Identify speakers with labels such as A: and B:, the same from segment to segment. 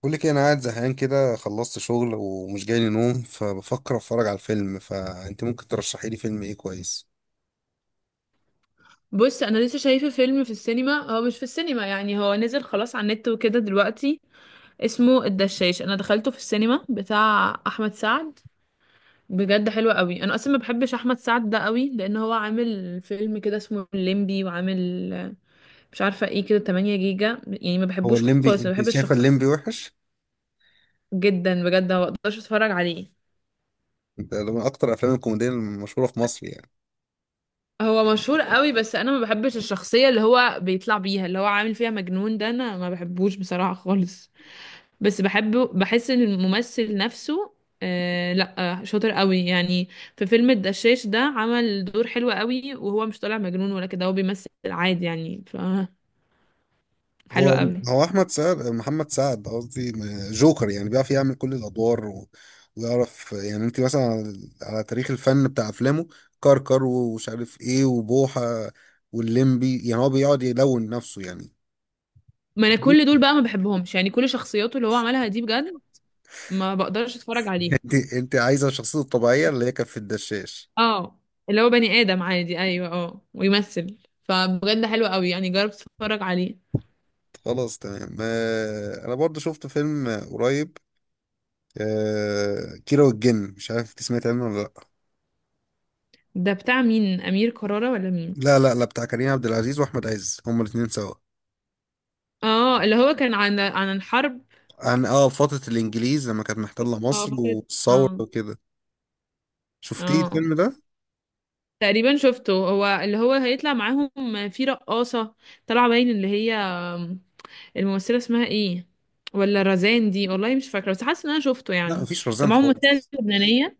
A: بقول لك إيه، انا قاعد زهقان كده، خلصت شغل ومش جاي لي نوم، فبفكر اتفرج على الفيلم. فانت ممكن ترشحي لي فيلم ايه كويس؟
B: بص انا لسه شايفه فيلم في السينما، هو مش في السينما يعني، هو نزل خلاص على النت وكده دلوقتي. اسمه الدشاش، انا دخلته في السينما، بتاع احمد سعد. بجد حلو قوي. انا اصلا ما بحبش احمد سعد ده قوي، لان هو عامل فيلم كده اسمه الليمبي، وعامل مش عارفه ايه كده 8 جيجا يعني، ما
A: هو
B: بحبوش
A: الليمبي
B: خالص، ما
A: انت
B: بحبش
A: شايفه
B: الشخص.
A: الليمبي وحش؟
B: جدا بجد ما بقدرش اتفرج عليه.
A: انت ده من اكتر افلام الكوميديا المشهوره في مصر يعني.
B: هو مشهور قوي بس انا ما بحبش الشخصيه اللي هو بيطلع بيها، اللي هو عامل فيها مجنون ده، انا ما بحبوش بصراحه خالص. بس بحبه، بحس ان الممثل نفسه. آه لا. آه، شاطر قوي يعني. في فيلم الدشاش ده عمل دور حلو قوي، وهو مش طالع مجنون ولا كده، هو بيمثل عادي يعني. ف حلو
A: هو
B: قوي.
A: هو احمد سعد، محمد سعد قصدي، جوكر يعني، بيعرف يعمل كل الادوار ويعرف يعني. انت مثلا على تاريخ الفن بتاع افلامه، كركر ومش عارف ايه، وبوحه والليمبي، يعني هو بيقعد يلون نفسه يعني.
B: ما انا كل دول بقى ما بحبهمش يعني، كل شخصياته اللي هو عملها دي بجد ما بقدرش اتفرج عليها.
A: انت عايزه الشخصيه الطبيعيه اللي هي كانت في الدشاش.
B: اه، اللي هو بني ادم عادي، ايوه اه، ويمثل. فبجد حلو قوي، يعني جرب تتفرج عليه.
A: خلاص تمام. آه، انا برضو شفت فيلم قريب، آه، كيرة والجن. مش عارف انت سمعت عنه ولا
B: ده بتاع مين، امير كرارة ولا مين؟
A: لا. لا لا لا بتاع كريم عبد العزيز واحمد عز، هما الاثنين سوا.
B: اه اللي هو كان عن الحرب.
A: عن اه فتره الانجليز لما كانت محتله
B: اه
A: مصر
B: فكرة.
A: والثوره
B: اه.
A: وكده. شفتيه
B: اه
A: الفيلم ده؟
B: تقريبا شفته، هو اللي هو هيطلع معاهم في رقاصة طالعة باين، اللي هي الممثلة اسمها ايه، ولا رزان دي والله، مش فاكرة بس حاسة ان انا شفته
A: لا،
B: يعني.
A: مفيش
B: كان
A: رزان
B: معاهم ممثلة
A: خالص.
B: لبنانية.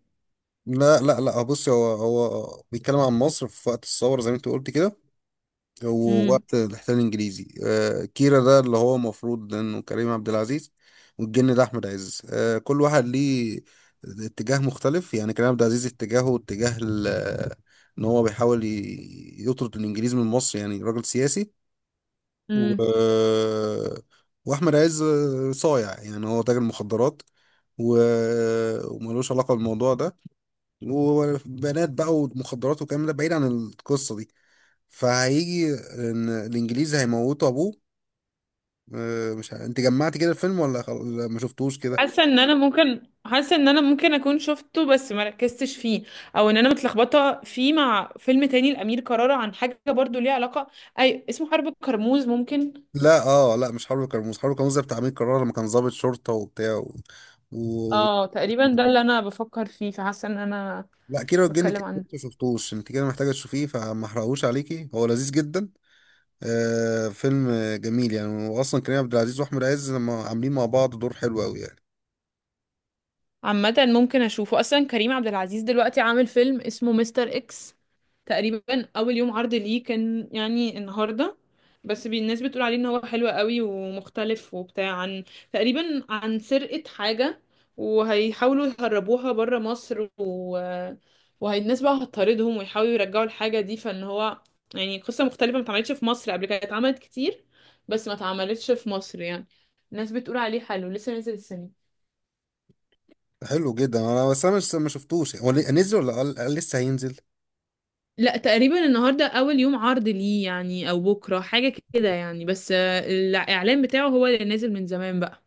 A: لا لا لا، آه، بصي، هو بيتكلم عن مصر في وقت الثوره زي ما انت قلت كده، هو
B: امم.
A: وقت الاحتلال الانجليزي. آه، كيرا ده اللي هو المفروض انه كريم عبد العزيز، والجن ده احمد عز. آه، كل واحد ليه اتجاه مختلف، يعني كريم عبد العزيز اتجاهه اتجاه ان هو بيحاول يطرد الانجليز من مصر، يعني راجل سياسي. و...
B: امم.
A: واحمد عز صايع، يعني هو تاجر مخدرات و... وملوش علاقة بالموضوع ده، وبنات بقى ومخدرات والكلام ده بعيد عن القصة دي. فهيجي ان الانجليزي هيموتوا ابوه. آه، مش ه... انت جمعت كده الفيلم ولا لا، ما شفتوش كده.
B: حاسة ان انا ممكن اكون شفته بس ما ركزتش فيه، او ان انا متلخبطة فيه مع فيلم تاني لأمير كرارة عن حاجة برضو ليها علاقة. اي اسمه حرب الكرموز ممكن.
A: لا اه، لا، مش حرب كرموز. حرب كرموز ده بتاع امير كرارة لما كان ضابط شرطة وبتاع و...
B: اه تقريبا ده اللي انا بفكر فيه، فحاسة ان انا
A: لا، كيرة والجن
B: بتكلم
A: كده.
B: عن...
A: ما شفتوش انت كده، محتاجة تشوفيه، فما احرقهوش عليكي، هو لذيذ جدا. آه، فيلم جميل يعني، واصلا كريم عبد العزيز واحمد عز لما عاملين مع بعض دور حلو قوي يعني.
B: عامة ممكن اشوفه. اصلا كريم عبد العزيز دلوقتي عامل فيلم اسمه مستر اكس، تقريبا اول يوم عرض ليه كان يعني النهارده. بس الناس بتقول عليه ان هو حلو قوي ومختلف وبتاع، عن تقريبا عن سرقة حاجة، وهيحاولوا يهربوها بره مصر وهالناس بقى هتطاردهم ويحاولوا يرجعوا الحاجة دي، فان هو يعني قصة مختلفة ما اتعملتش في مصر قبل كده، اتعملت كتير بس ما اتعملتش في مصر يعني. الناس بتقول عليه حلو، لسه نازل السنة.
A: حلو جدا. انا بس انا مش ما شفتوش، هو نزل ولا قال لسه هينزل؟
B: لا تقريبا النهارده اول يوم عرض ليه يعني، او بكره حاجه كده يعني، بس آه، الاعلان بتاعه هو اللي نازل من زمان بقى.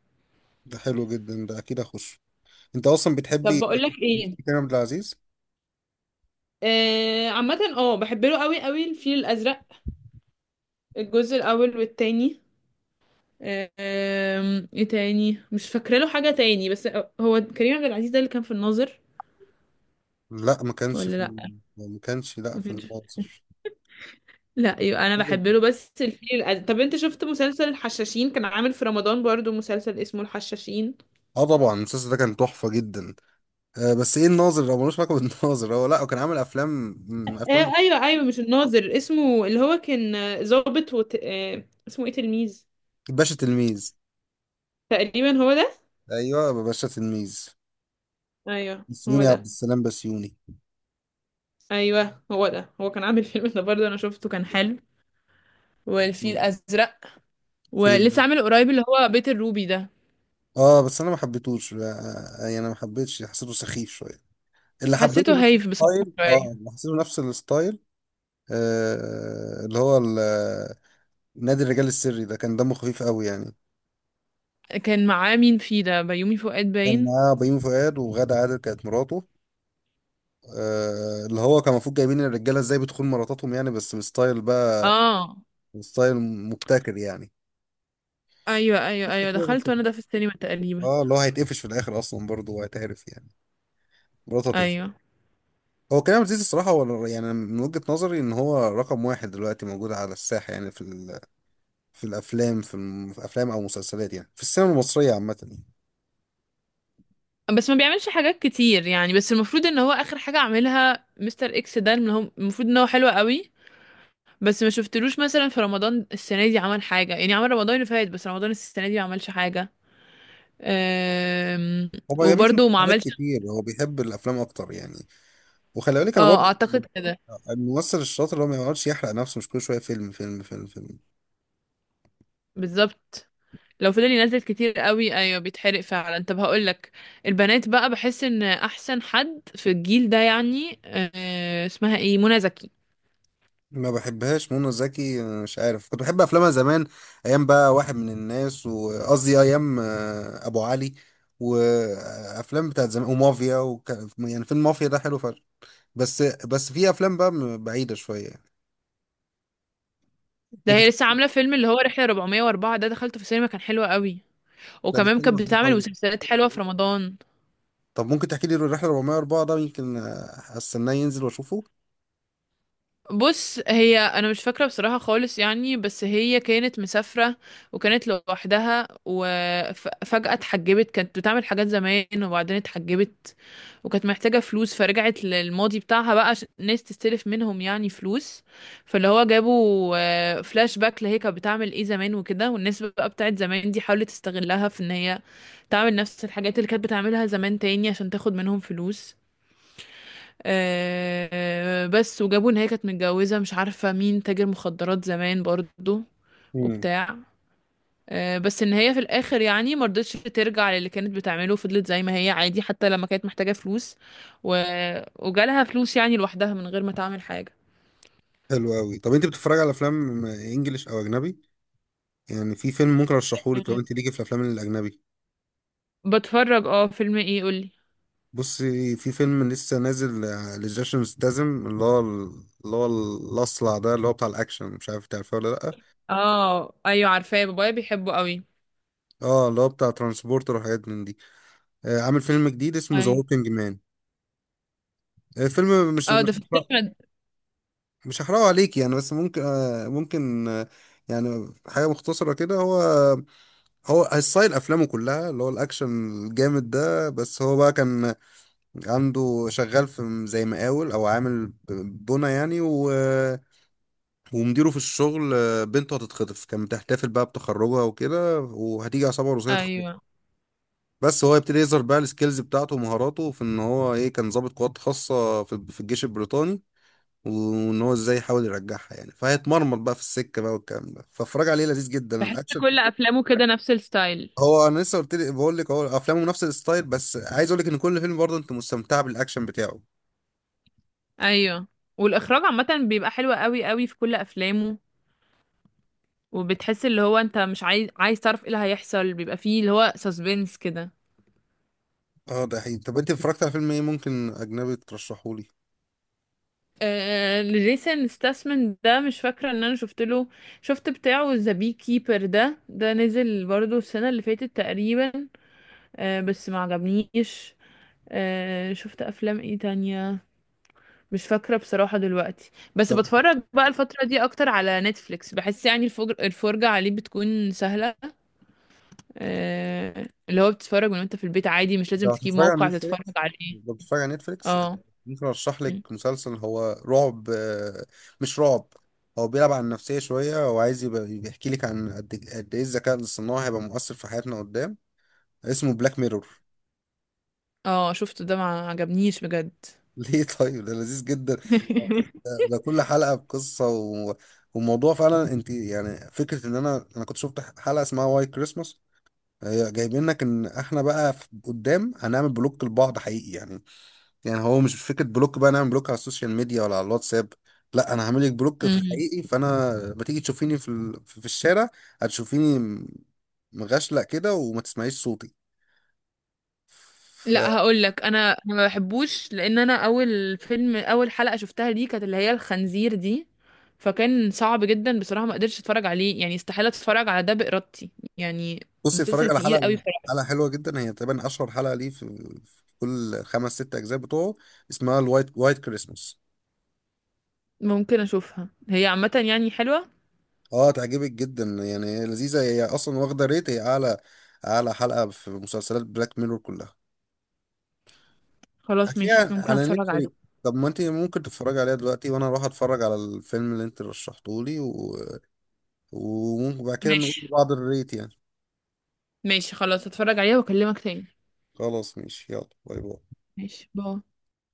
A: ده حلو جدا، ده اكيد اخش. انت اصلا
B: طب
A: بتحبي
B: بقول لك ايه.
A: كريم عبد العزيز.
B: آه عامه اه بحب له قوي قوي، الفيل الازرق، الجزء الاول والتاني. آه ايه تاني مش فاكره له حاجه تاني بس. هو كريم عبد العزيز ده اللي كان في الناظر
A: لا، ما كانش
B: ولا
A: في.
B: لا؟
A: ما كانش لا
B: ما
A: في
B: كانش.
A: الناظر.
B: لا يبقى انا بحب له بس الفيل الازرق. طب انت شفت مسلسل الحشاشين؟ كان عامل في رمضان برضو مسلسل اسمه الحشاشين.
A: اه طبعا، المسلسل ده كان تحفه جدا. آه بس ايه، الناظر، هو ملوش علاقه بالناظر، هو لا، هو كان عامل افلام، افلام.
B: آه ايوه ايوه، مش الناظر اسمه، اللي هو كان آه، ظابط آه اسمه ايه، تلميذ.
A: باشا تلميذ.
B: تقريبا هو ده.
A: ايوه، باشا تلميذ.
B: ايوه هو
A: بسيوني، عبد
B: ده.
A: السلام بسيوني.
B: ايوه هو ده، هو كان عامل فيلم ده برضه انا شفته، كان حلو، والفيل الازرق.
A: في
B: ولسه عامل قريب اللي هو بيت الروبي ده.
A: اه بس انا ما حبيتهوش. آه، آه، يعني انا ما حبيتش، حسيته سخيف شويه. اللي
B: حسيته
A: حبيته نفس
B: هايف بصراحه
A: الستايل،
B: شويه.
A: اه، اللي حسيته نفس الستايل، آه اللي هو نادي الرجال السري، ده كان دمه خفيف قوي يعني.
B: كان معاه مين فيه ده، بيومي فؤاد
A: كان
B: باين؟
A: معاه بيومي فؤاد وغادة عادل كانت مراته. آه، اللي هو كان المفروض جايبين الرجاله ازاي بتخون مراتاتهم يعني، بس بستايل بقى،
B: اه
A: ستايل مبتكر يعني.
B: ايوه ايوه
A: قصة
B: ايوه،
A: كده، قصة
B: دخلته انا
A: كده.
B: ده في السينما تقريبا.
A: اه اللي هو هيتقفش في الاخر اصلا برضه، وهيتعرف يعني، مراته هتقفش.
B: ايوه
A: هو كريم عبد العزيز الصراحه، هو يعني من وجهه نظري ان هو رقم واحد دلوقتي موجود على الساحه، يعني في في الافلام، في افلام او مسلسلات يعني، في السينما المصريه عامه يعني.
B: بس ما بيعملش حاجات كتير يعني، بس المفروض ان هو اخر حاجه عملها مستر اكس ده، اللي هو المفروض ان هو حلو قوي. بس ما شفتلوش مثلا في رمضان السنة دي عمل حاجة يعني، عمل رمضان اللي فات بس رمضان السنة دي ما عملش حاجة. أم...
A: هو ما بيعملش
B: وبرضه ما
A: مسلسلات
B: عملش.
A: كتير، هو بيحب الافلام اكتر يعني. وخلي بالك انا
B: اه
A: برضو يعني
B: اعتقد كده.
A: الممثل الشاطر اللي هو ما يقعدش يحرق نفسه، مش كل شويه فيلم فيلم فيلم فيلم.
B: بالظبط. لو فضل ينزل كتير قوي، ايوه بيتحرق فعلا. طب هقول لك، البنات بقى، بحس ان احسن حد في الجيل ده يعني اسمها ايه، منى زكي.
A: ما بحبهاش منى زكي، مش عارف، كنت بحب افلامها زمان. ايام بقى واحد من الناس، وقصدي ايام، آه، ابو علي، وافلام بتاعت زمان ومافيا. وكان يعني فيلم مافيا ده حلو فشخ، بس في افلام بقى بعيده شويه يعني.
B: ده
A: انت
B: هي لسه عاملة فيلم اللي هو رحلة 404 ده، دخلته في السينما كان حلو قوي.
A: ده
B: وكمان
A: بيتكلم
B: كانت
A: عن ايه
B: بتعمل
A: طيب؟
B: مسلسلات حلوة في رمضان.
A: طب ممكن تحكي لي الرحله 404 ده، يمكن آه، استناه ينزل واشوفه.
B: بص هي انا مش فاكره بصراحه خالص يعني، بس هي كانت مسافره، وكانت لوحدها وفجاه اتحجبت، كانت بتعمل حاجات زمان وبعدين اتحجبت، وكانت محتاجه فلوس، فرجعت للماضي بتاعها بقى عشان الناس تستلف منهم يعني فلوس. فاللي هو جابوا فلاش باك لهي كانت بتعمل ايه زمان وكده، والناس بقى بتاعت زمان دي حاولت تستغلها في ان هي تعمل نفس الحاجات اللي كانت بتعملها زمان تاني عشان تاخد منهم فلوس. آه بس وجابوا ان هي كانت متجوزة مش عارفة مين، تاجر مخدرات زمان برضو
A: امم،
B: وبتاع. آه بس ان هي في الاخر يعني مرضتش ترجع للي كانت بتعمله، فضلت زي ما هي عادي، حتى لما كانت محتاجة فلوس و... وجالها فلوس يعني لوحدها من غير ما تعمل حاجة.
A: حلو قوي. طب انت بتتفرج على افلام انجليش او اجنبي؟ يعني في فيلم ممكن ارشحهولك
B: مم.
A: لو انت ليكي في الافلام الاجنبي.
B: بتفرج اه، فيلم ايه قولي.
A: بصي، في فيلم لسه نازل، آه، لجيسون ستاثام، اللي هو اللي هو الاصلع ده، اللي هو بتاع الاكشن، مش عارف تعرفه ولا لا.
B: اه ايوه عارفاه، بابايا بيحبه قوي.
A: اه اللي هو بتاع ترانسبورتر وحاجات من دي. آه، عامل فيلم جديد اسمه ذا
B: اي.
A: ووكينج مان. فيلم
B: اه ده في السينما؟
A: مش هحرقه عليكي يعني، بس ممكن آه، ممكن آه، يعني حاجة مختصرة كده. هو ستايل أفلامه كلها اللي هو الأكشن الجامد ده، بس هو بقى كان عنده، شغال في زي مقاول او عامل بنا يعني، ومديره في الشغل، بنته هتتخطف. كانت بتحتفل بقى بتخرجها وكده، وهتيجي عصابه روسيه تخطفها.
B: ايوه.
A: بس هو يبتدي يظهر بقى السكيلز بتاعته ومهاراته، في ان هو ايه، كان ضابط قوات خاصه في الجيش البريطاني، وان هو ازاي يحاول يرجعها يعني، فهيتمرمط بقى في السكه بقى والكلام ده، فاتفرج عليه، لذيذ جدا
B: بحس
A: الاكشن.
B: كل افلامه كده نفس الستايل.
A: هو انا لسه قلت لي بقول لك هو افلامه نفس الستايل، بس عايز اقول لك ان كل فيلم برضه انت مستمتع بالاكشن بتاعه.
B: ايوه، والاخراج عامه بيبقى حلو قوي قوي في كل افلامه. وبتحس اللي هو انت مش عايز تعرف ايه اللي هيحصل، بيبقى فيه اللي هو سسبنس كده.
A: اه، ده حقيقي. طب انت اتفرجت على فيلم ايه ممكن اجنبي ترشحه لي؟
B: جيسون ستاسمن ده مش فاكره ان انا شفت له. شفت بتاعه ذا بي كيبر ده نزل برضو السنه اللي فاتت تقريبا. بس ما عجبنيش. شفت افلام ايه تانية، مش فاكره بصراحه دلوقتي. بس
A: طب
B: بتفرج بقى الفتره دي اكتر على نتفليكس، بحس يعني الفرجه عليه بتكون سهله. آه، اللي هو بتتفرج من وانت في البيت عادي، مش لازم
A: لو
B: تجيب
A: هتتفرج على
B: موقع تتفرج
A: نتفليكس،
B: عليه.
A: لو بتتفرج على نتفليكس
B: اه.
A: ممكن ارشح
B: م.
A: لك مسلسل، هو رعب، آه، مش رعب، هو بيلعب على النفسية شوية، وعايز يبقى بيحكي لك عن قد إيه، قد ايه الذكاء الاصطناعي هيبقى مؤثر في حياتنا قدام. اسمه بلاك ميرور.
B: اه شفته ده، ما عجبنيش بجد.
A: ليه طيب؟ ده لذيذ جدا، ده ده كل حلقة بقصة وموضوع، فعلا انت يعني فكرة ان انا كنت شفت حلقة اسمها واي كريسماس. هي جايبين لك ان احنا بقى قدام هنعمل بلوك لبعض حقيقي يعني. يعني هو مش فكره بلوك بقى نعمل بلوك على السوشيال ميديا ولا على الواتساب، لا، انا هعمل لك بلوك في
B: مم.
A: الحقيقي. فانا ما تيجي تشوفيني في في الشارع هتشوفيني مغشلق كده، وما تسمعيش صوتي.
B: لا هقول لك، انا ما بحبوش، لان انا اول حلقة شفتها دي كانت اللي هي الخنزير دي، فكان صعب جدا بصراحة، ما قدرتش اتفرج عليه يعني، استحالة اتفرج على ده بإرادتي يعني.
A: فبصي، اتفرج
B: مسلسل
A: على
B: تقيل قوي
A: حلقه،
B: بصراحة.
A: حلقه حلوه جدا، هي تقريبا اشهر حلقه ليه في في كل خمس ست اجزاء بتوعه، اسمها وايت كريسماس.
B: ممكن اشوفها، هي عامة يعني حلوة.
A: اه تعجبك جدا يعني، هي لذيذة، هي اصلا واخدة ريت هي اعلى حلقة في مسلسلات بلاك ميرور كلها.
B: خلاص ماشي
A: هتلاقيها
B: ممكن
A: على
B: اتفرج عليه.
A: نتفليكس. طب ما انت ممكن تتفرجي عليها دلوقتي وانا اروح اتفرج على الفيلم اللي انت رشحته لي، وممكن بعد كده نقول
B: ماشي.
A: لبعض الريت يعني.
B: ماشي خلاص، اتفرج عليها واكلمك تاني.
A: خلاص ماشي، يلا باي باي.
B: ماشي باي.